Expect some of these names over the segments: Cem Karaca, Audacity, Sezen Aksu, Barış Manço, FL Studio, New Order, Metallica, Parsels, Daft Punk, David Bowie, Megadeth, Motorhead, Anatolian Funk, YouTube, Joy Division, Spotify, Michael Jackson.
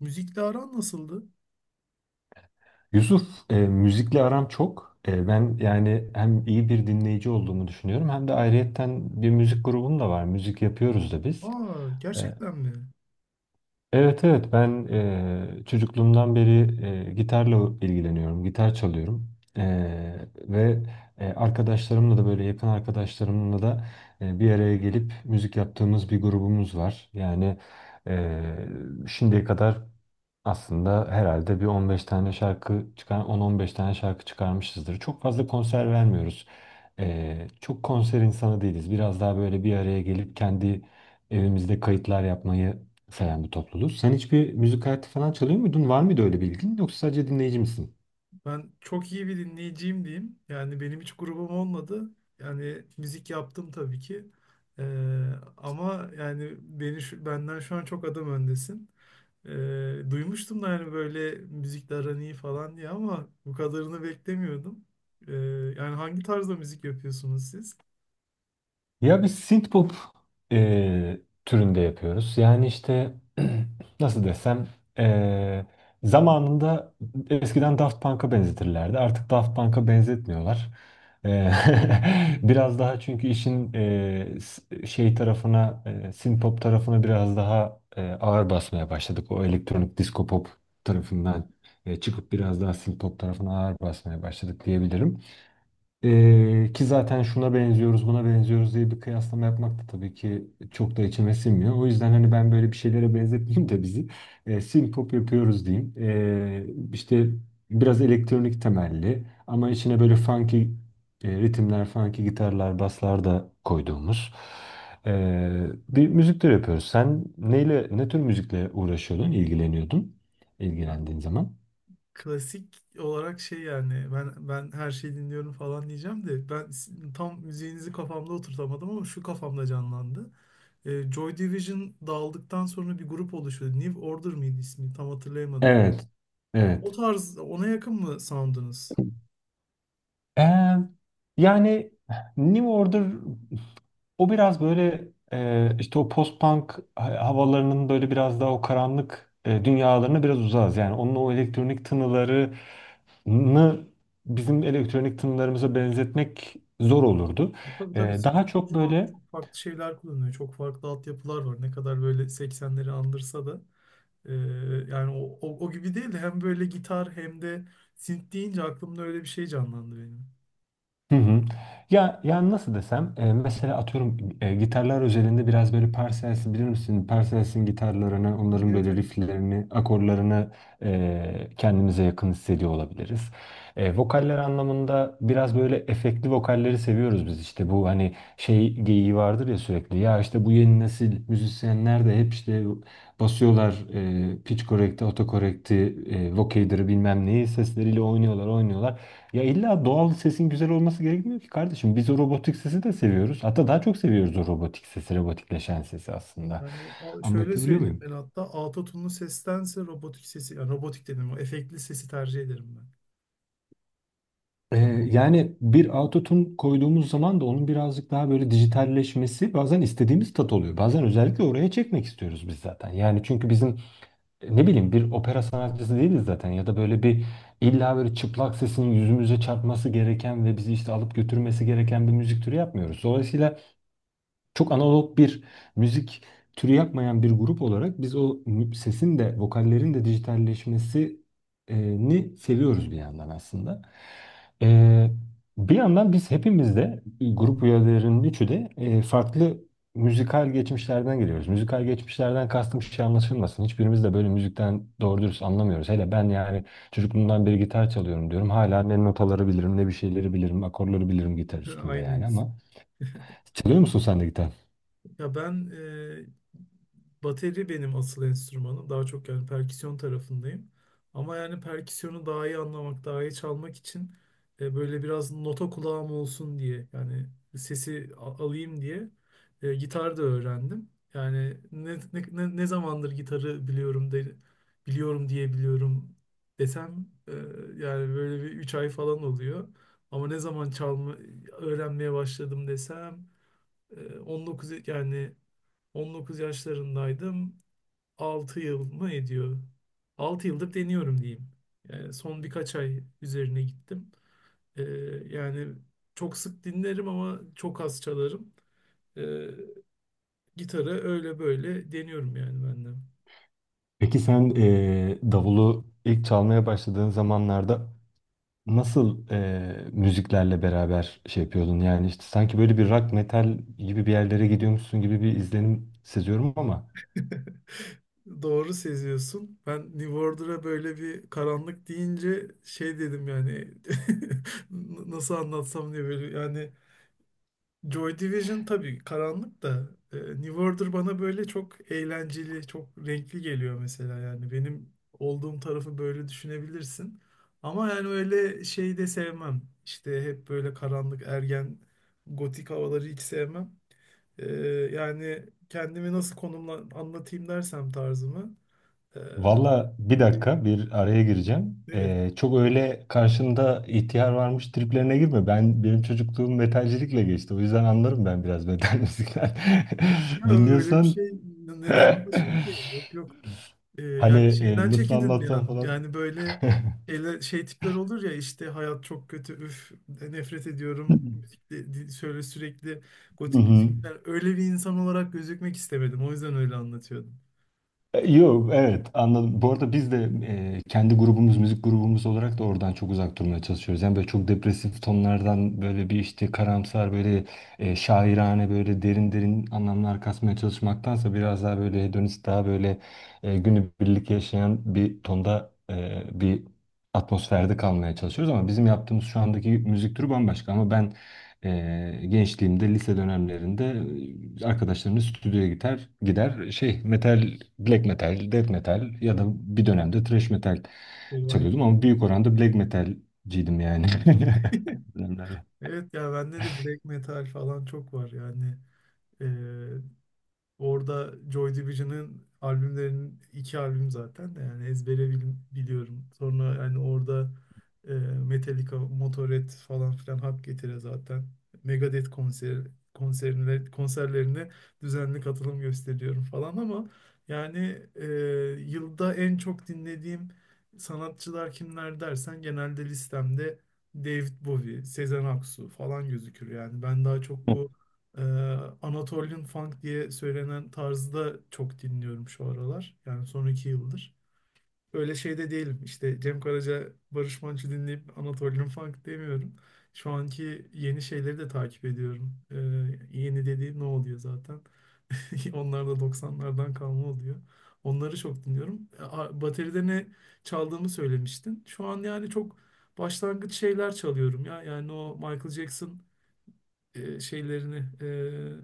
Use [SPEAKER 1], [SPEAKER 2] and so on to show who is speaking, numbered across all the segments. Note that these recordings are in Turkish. [SPEAKER 1] Müzikle aran nasıldı?
[SPEAKER 2] Yusuf, müzikle aram çok. Ben yani hem iyi bir dinleyici olduğumu düşünüyorum hem de ayrıyetten bir müzik grubum da var. Müzik yapıyoruz da biz.
[SPEAKER 1] Aa,
[SPEAKER 2] E,
[SPEAKER 1] gerçekten mi?
[SPEAKER 2] evet, evet, ben çocukluğumdan beri gitarla ilgileniyorum, gitar çalıyorum. E, Ve arkadaşlarımla da böyle yakın arkadaşlarımla da bir araya gelip müzik yaptığımız bir grubumuz var. Yani e, şimdiye kadar aslında herhalde bir 15 tane şarkı çıkar, 10-15 tane şarkı çıkarmışızdır. Çok fazla konser vermiyoruz. Çok konser insanı değiliz. Biraz daha böyle bir araya gelip kendi evimizde kayıtlar yapmayı seven bir topluluğuz. Sen hiçbir müzik aleti falan çalıyor muydun? Var mıydı öyle bir ilgin? Yoksa sadece dinleyici misin?
[SPEAKER 1] Ben çok iyi bir dinleyiciyim diyeyim. Yani benim hiç grubum olmadı. Yani müzik yaptım tabii ki. Ee, ama yani benden şu an çok adım öndesin. Ee, duymuştum da yani böyle müzikle aran iyi falan diye ama bu kadarını beklemiyordum. Ee, yani hangi tarzda müzik yapıyorsunuz siz?
[SPEAKER 2] Ya biz synthpop e, türünde yapıyoruz. Yani işte nasıl desem e, zamanında eskiden Daft Punk'a benzetirlerdi. Artık Daft Punk'a benzetmiyorlar. E, biraz daha çünkü işin şey tarafına, synthpop tarafına biraz daha ağır basmaya başladık. O elektronik disco pop tarafından çıkıp biraz daha synthpop tarafına ağır basmaya başladık diyebilirim. Ki zaten şuna benziyoruz, buna benziyoruz diye bir kıyaslama yapmak da tabii ki çok da içime sinmiyor. O yüzden hani ben böyle bir şeylere benzetmeyeyim de bizi synpop yapıyoruz diyeyim. İşte biraz elektronik temelli ama içine böyle funky ritimler, funky gitarlar, baslar da koyduğumuz bir müzik türü yapıyoruz. Sen neyle, ne tür müzikle uğraşıyordun, ilgileniyordun, ilgilendiğin zaman?
[SPEAKER 1] Klasik olarak şey yani ben her şeyi dinliyorum falan diyeceğim de tam müziğinizi kafamda oturtamadım ama şu kafamda canlandı. Joy Division dağıldıktan sonra bir grup oluşuyordu. New Order mıydı ismi? Tam hatırlayamadım.
[SPEAKER 2] Evet,
[SPEAKER 1] O
[SPEAKER 2] evet.
[SPEAKER 1] tarz ona yakın mı sound'unuz?
[SPEAKER 2] Ee, Yani New Order o biraz böyle işte o post-punk havalarının böyle biraz daha o karanlık dünyalarına biraz uzağız. Yani onun o elektronik tınılarını bizim elektronik tınılarımıza benzetmek zor olurdu.
[SPEAKER 1] Tabii tabii,
[SPEAKER 2] Daha
[SPEAKER 1] synthpop
[SPEAKER 2] çok
[SPEAKER 1] şu an
[SPEAKER 2] böyle.
[SPEAKER 1] çok farklı şeyler kullanıyor. Çok farklı altyapılar var. Ne kadar böyle 80'leri andırsa da e, yani o gibi değil de hem böyle gitar hem de synth deyince aklımda öyle bir şey canlandı benim.
[SPEAKER 2] Hı hı. Ya yani nasıl desem mesela atıyorum gitarlar özelinde biraz böyle Parsels'i bilir misin? Parsels'in gitarlarını, onların
[SPEAKER 1] Evet,
[SPEAKER 2] böyle
[SPEAKER 1] evet.
[SPEAKER 2] rifflerini, akorlarını kendimize yakın hissediyor olabiliriz. Vokaller anlamında biraz böyle efektli vokalleri seviyoruz biz işte bu hani şey geyiği vardır ya sürekli ya işte bu yeni nesil müzisyenler de hep işte basıyorlar pitch correct'i, autocorrect'i, vocoder'ı bilmem neyi sesleriyle oynuyorlar oynuyorlar. Ya illa doğal sesin güzel olması gerekmiyor ki kardeşim. Biz o robotik sesi de seviyoruz. Hatta daha çok seviyoruz o robotik sesi, robotikleşen sesi aslında.
[SPEAKER 1] Şöyle
[SPEAKER 2] Anlatabiliyor
[SPEAKER 1] söyleyeyim,
[SPEAKER 2] muyum?
[SPEAKER 1] ben hatta autotune'lu sestense robotik sesi, yani robotik dedim, o efektli sesi tercih ederim
[SPEAKER 2] Ee, Yani bir autotune koyduğumuz zaman da onun birazcık daha böyle dijitalleşmesi bazen istediğimiz tat oluyor. Bazen özellikle oraya çekmek istiyoruz biz zaten. Yani çünkü bizim ne bileyim bir opera sanatçısı değiliz zaten ya da böyle bir illa böyle çıplak sesinin yüzümüze çarpması gereken ve bizi işte alıp götürmesi gereken bir müzik türü yapmıyoruz. Dolayısıyla çok analog bir müzik türü yapmayan bir grup olarak biz o sesin de vokallerin de dijitalleşmesini seviyoruz bir yandan aslında. Ee, Bir yandan biz hepimiz de grup üyelerinin üçü de farklı müzikal geçmişlerden geliyoruz. Müzikal geçmişlerden kastım şey anlaşılmasın. Hiçbirimiz de böyle müzikten doğru dürüst anlamıyoruz. Hele ben yani çocukluğumdan beri gitar çalıyorum diyorum. Hala ne notaları bilirim ne bir şeyleri bilirim, akorları bilirim gitar
[SPEAKER 1] ben.
[SPEAKER 2] üstünde yani
[SPEAKER 1] Aynıyız.
[SPEAKER 2] ama çalıyor musun sen de gitar?
[SPEAKER 1] Ya ben e, Bateri benim asıl enstrümanım. Daha çok yani perküsyon tarafındayım. Ama yani perküsyonu daha iyi anlamak, daha iyi çalmak için böyle biraz nota kulağım olsun diye, yani alayım diye gitar da öğrendim. Yani ne zamandır gitarı biliyorum biliyorum diye biliyorum desem yani böyle bir 3 ay falan oluyor. Ama ne zaman çalma öğrenmeye başladım desem 19, yani 19 yaşlarındaydım. 6 yıl mı ediyor? 6 yıldır deniyorum diyeyim. Yani son birkaç ay üzerine gittim. Ee, yani çok sık dinlerim ama çok az çalarım. Ee, gitarı öyle böyle deniyorum yani ben de.
[SPEAKER 2] Peki sen davulu ilk çalmaya başladığın zamanlarda nasıl müziklerle beraber şey yapıyordun? Yani işte sanki böyle bir rock metal gibi bir yerlere gidiyormuşsun gibi bir izlenim seziyorum ama
[SPEAKER 1] Doğru seziyorsun. Ben New Order'a böyle bir karanlık deyince şey dedim yani. Nasıl anlatsam diye, böyle yani Joy Division tabii karanlık da, New Order bana böyle çok eğlenceli, çok renkli geliyor mesela. Yani benim olduğum tarafı böyle düşünebilirsin. Ama yani öyle şey de sevmem. İşte hep böyle karanlık, ergen, gotik havaları hiç sevmem. E, yani kendimi nasıl konumla anlatayım dersem tarzımı. e,
[SPEAKER 2] valla bir dakika bir araya gireceğim.
[SPEAKER 1] evet.
[SPEAKER 2] Çok öyle karşında ihtiyar varmış triplerine girme. Benim çocukluğum metalcilikle geçti. O yüzden anlarım ben biraz metal müzikler.
[SPEAKER 1] Yok ya, öyle bir
[SPEAKER 2] Dinliyorsan
[SPEAKER 1] şey neden anlaşıldı ki? Yok, yok.
[SPEAKER 2] hani,
[SPEAKER 1] Yani şeyden
[SPEAKER 2] nasıl
[SPEAKER 1] çekindin bir
[SPEAKER 2] anlatsam
[SPEAKER 1] an.
[SPEAKER 2] falan.
[SPEAKER 1] Yani böyle şey tipler olur ya, işte hayat çok kötü, üf, nefret ediyorum. Şöyle sürekli
[SPEAKER 2] Hı
[SPEAKER 1] gotik
[SPEAKER 2] hı.
[SPEAKER 1] müzikler. Öyle bir insan olarak gözükmek istemedim. O yüzden öyle anlatıyordum.
[SPEAKER 2] Yok, evet, anladım. Bu arada biz de kendi grubumuz, müzik grubumuz olarak da oradan çok uzak durmaya çalışıyoruz. Yani böyle çok depresif tonlardan böyle bir işte karamsar böyle şairane böyle derin derin anlamlar kasmaya çalışmaktansa biraz daha böyle hedonist daha böyle günübirlik yaşayan bir tonda bir atmosferde kalmaya çalışıyoruz. Ama bizim yaptığımız şu andaki müzik türü bambaşka ama ben gençliğimde lise dönemlerinde arkadaşlarımla stüdyoya gider gider şey metal black metal death metal ya da bir dönemde thrash metal
[SPEAKER 1] Eyvah,
[SPEAKER 2] çalıyordum
[SPEAKER 1] eyvah.
[SPEAKER 2] ama büyük oranda black metalciydim yani. Dönemlerde.
[SPEAKER 1] Evet ya, bende de black metal falan çok var yani. Ee, Orada Joy Division'ın albümlerinin iki albüm zaten de yani ezbere biliyorum. Sonra yani orada Metallica, Motorhead falan filan hak getire zaten. Megadeth konser konserine, konserlerine düzenli katılım gösteriyorum falan. Ama yani e, yılda en çok dinlediğim sanatçılar kimler dersen, genelde listemde David Bowie, Sezen Aksu falan gözükür yani. Ben daha çok bu ee, Anatolian Funk diye söylenen tarzı da çok dinliyorum şu aralar. Yani son 2 yıldır. Öyle şey de değilim, İşte Cem Karaca, Barış Manço dinleyip Anatolian Funk demiyorum. Şu anki yeni şeyleri de takip ediyorum. Yeni dediğim ne oluyor zaten? Onlar da doksanlardan kalma oluyor. Onları çok dinliyorum. Bateride ne çaldığımı söylemiştin. Şu an yani çok başlangıç şeyler çalıyorum ya. Yani o Michael Jackson e, şeylerini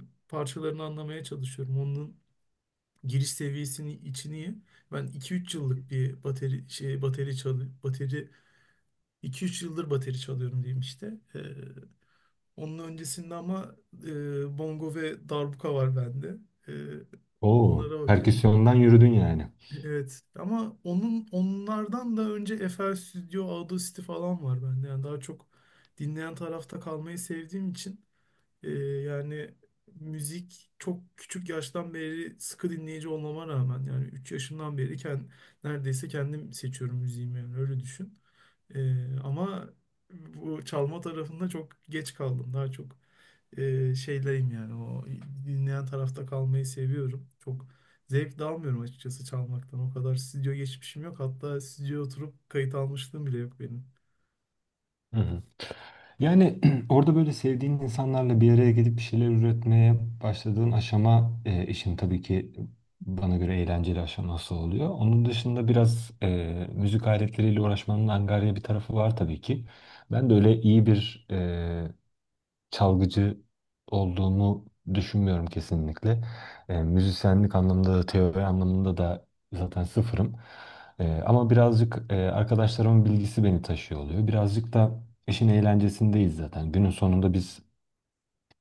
[SPEAKER 1] parçalarını anlamaya çalışıyorum. Onun giriş seviyesini içini iyi. Ben iki üç yıllık bir bateri şey bateri çalı bateri 2-3 yıldır bateri çalıyorum diyeyim işte. E, onun öncesinde ama bongo ve darbuka var bende. E,
[SPEAKER 2] Oo,
[SPEAKER 1] onlara bakıyorum.
[SPEAKER 2] perküsyondan yürüdün yani.
[SPEAKER 1] Evet ama onun onlardan da önce FL Studio, Audacity falan var bende. Yani daha çok dinleyen tarafta kalmayı sevdiğim için. Yani müzik, çok küçük yaştan beri sıkı dinleyici olmama rağmen, yani 3 yaşımdan beri neredeyse kendim seçiyorum müziğimi, yani öyle düşün. Ama bu çalma tarafında çok geç kaldım. Daha çok şeyleyim, yani o dinleyen tarafta kalmayı seviyorum. Çok zevk de almıyorum açıkçası çalmaktan. O kadar stüdyo geçmişim yok. Hatta stüdyoya oturup kayıt almışlığım bile yok benim.
[SPEAKER 2] Hı hı. Yani orada böyle sevdiğin insanlarla bir araya gelip bir şeyler üretmeye başladığın aşama işin tabii ki bana göre eğlenceli aşaması oluyor. Onun dışında biraz müzik aletleriyle uğraşmanın angarya bir tarafı var tabii ki. Ben de öyle iyi bir çalgıcı olduğumu düşünmüyorum kesinlikle. Müzisyenlik anlamında da teori anlamında da zaten sıfırım. Ama birazcık arkadaşlarımın bilgisi beni taşıyor oluyor. Birazcık da işin eğlencesindeyiz zaten. Günün sonunda biz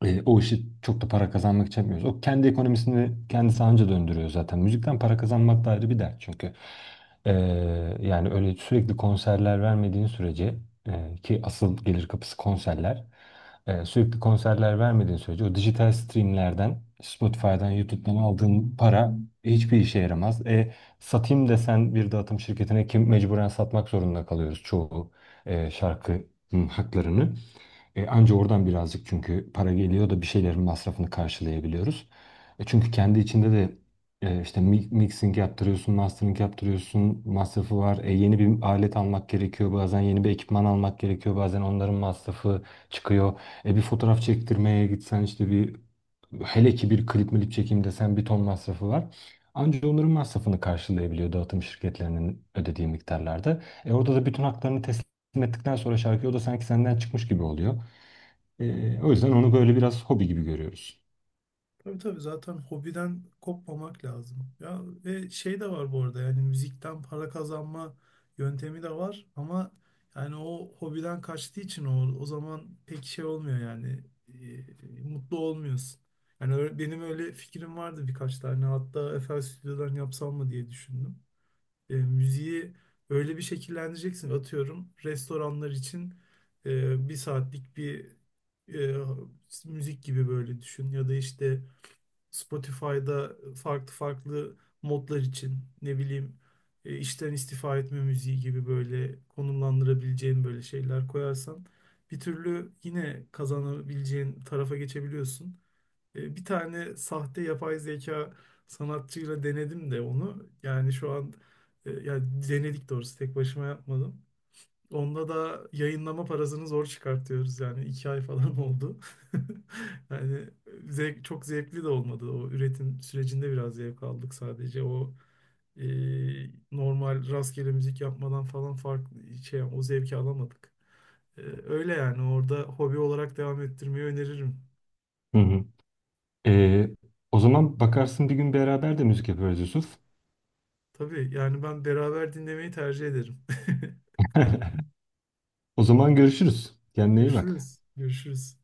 [SPEAKER 2] o işi çok da para kazanmak için yapmıyoruz. O kendi ekonomisini kendisi anca döndürüyor zaten. Müzikten para kazanmak da ayrı bir dert çünkü. E, Yani öyle sürekli konserler vermediğin sürece, ki asıl gelir kapısı konserler, sürekli konserler vermediğin sürece o dijital streamlerden Spotify'dan, YouTube'dan aldığın para hiçbir işe yaramaz. Satayım desen bir dağıtım şirketine kim mecburen satmak zorunda kalıyoruz çoğu şarkı hı, haklarını. Anca oradan birazcık çünkü para geliyor da bir şeylerin masrafını karşılayabiliyoruz. Çünkü kendi içinde de işte mixing yaptırıyorsun, mastering yaptırıyorsun, masrafı var. Yeni bir alet almak gerekiyor, bazen yeni bir ekipman almak gerekiyor, bazen onların masrafı çıkıyor. Bir fotoğraf çektirmeye gitsen işte bir hele ki bir klip milip çekeyim desen bir ton masrafı var. Anca onların masrafını karşılayabiliyor dağıtım şirketlerinin ödediği miktarlarda. Orada da bütün haklarını teslim ettikten sonra şarkı o da sanki senden çıkmış gibi oluyor. O yüzden onu böyle biraz hobi gibi görüyoruz.
[SPEAKER 1] Tabii, tabii, zaten hobiden kopmamak lazım. Ya ve şey de var bu arada, yani müzikten para kazanma yöntemi de var ama yani o hobiden kaçtığı için o zaman pek şey olmuyor, yani mutlu olmuyorsun. Yani benim öyle fikrim vardı, birkaç tane hatta FL Stüdyo'dan yapsam mı diye düşündüm. Müziği öyle bir şekillendireceksin, atıyorum restoranlar için bir saatlik bir e, müzik gibi böyle düşün, ya da işte Spotify'da farklı farklı modlar için, ne bileyim, işten istifa etme müziği gibi böyle konumlandırabileceğin böyle şeyler koyarsan, bir türlü yine kazanabileceğin tarafa geçebiliyorsun. Bir tane sahte yapay zeka sanatçıyla denedim de onu. Yani şu an yani denedik doğrusu, tek başıma yapmadım. Onda da yayınlama parasını zor çıkartıyoruz, yani 2 ay falan oldu. Yani çok zevkli de olmadı. O üretim sürecinde biraz zevk aldık sadece, o e, normal rastgele müzik yapmadan falan farklı şey, o zevki alamadık. Öyle, yani orada hobi olarak devam ettirmeyi öneririm.
[SPEAKER 2] Hı hı. Ee, O zaman bakarsın bir gün beraber de müzik yaparız, Yusuf.
[SPEAKER 1] Tabii yani ben beraber dinlemeyi tercih ederim.
[SPEAKER 2] O zaman görüşürüz. Kendine iyi bak.
[SPEAKER 1] Görüşürüz. Görüşürüz.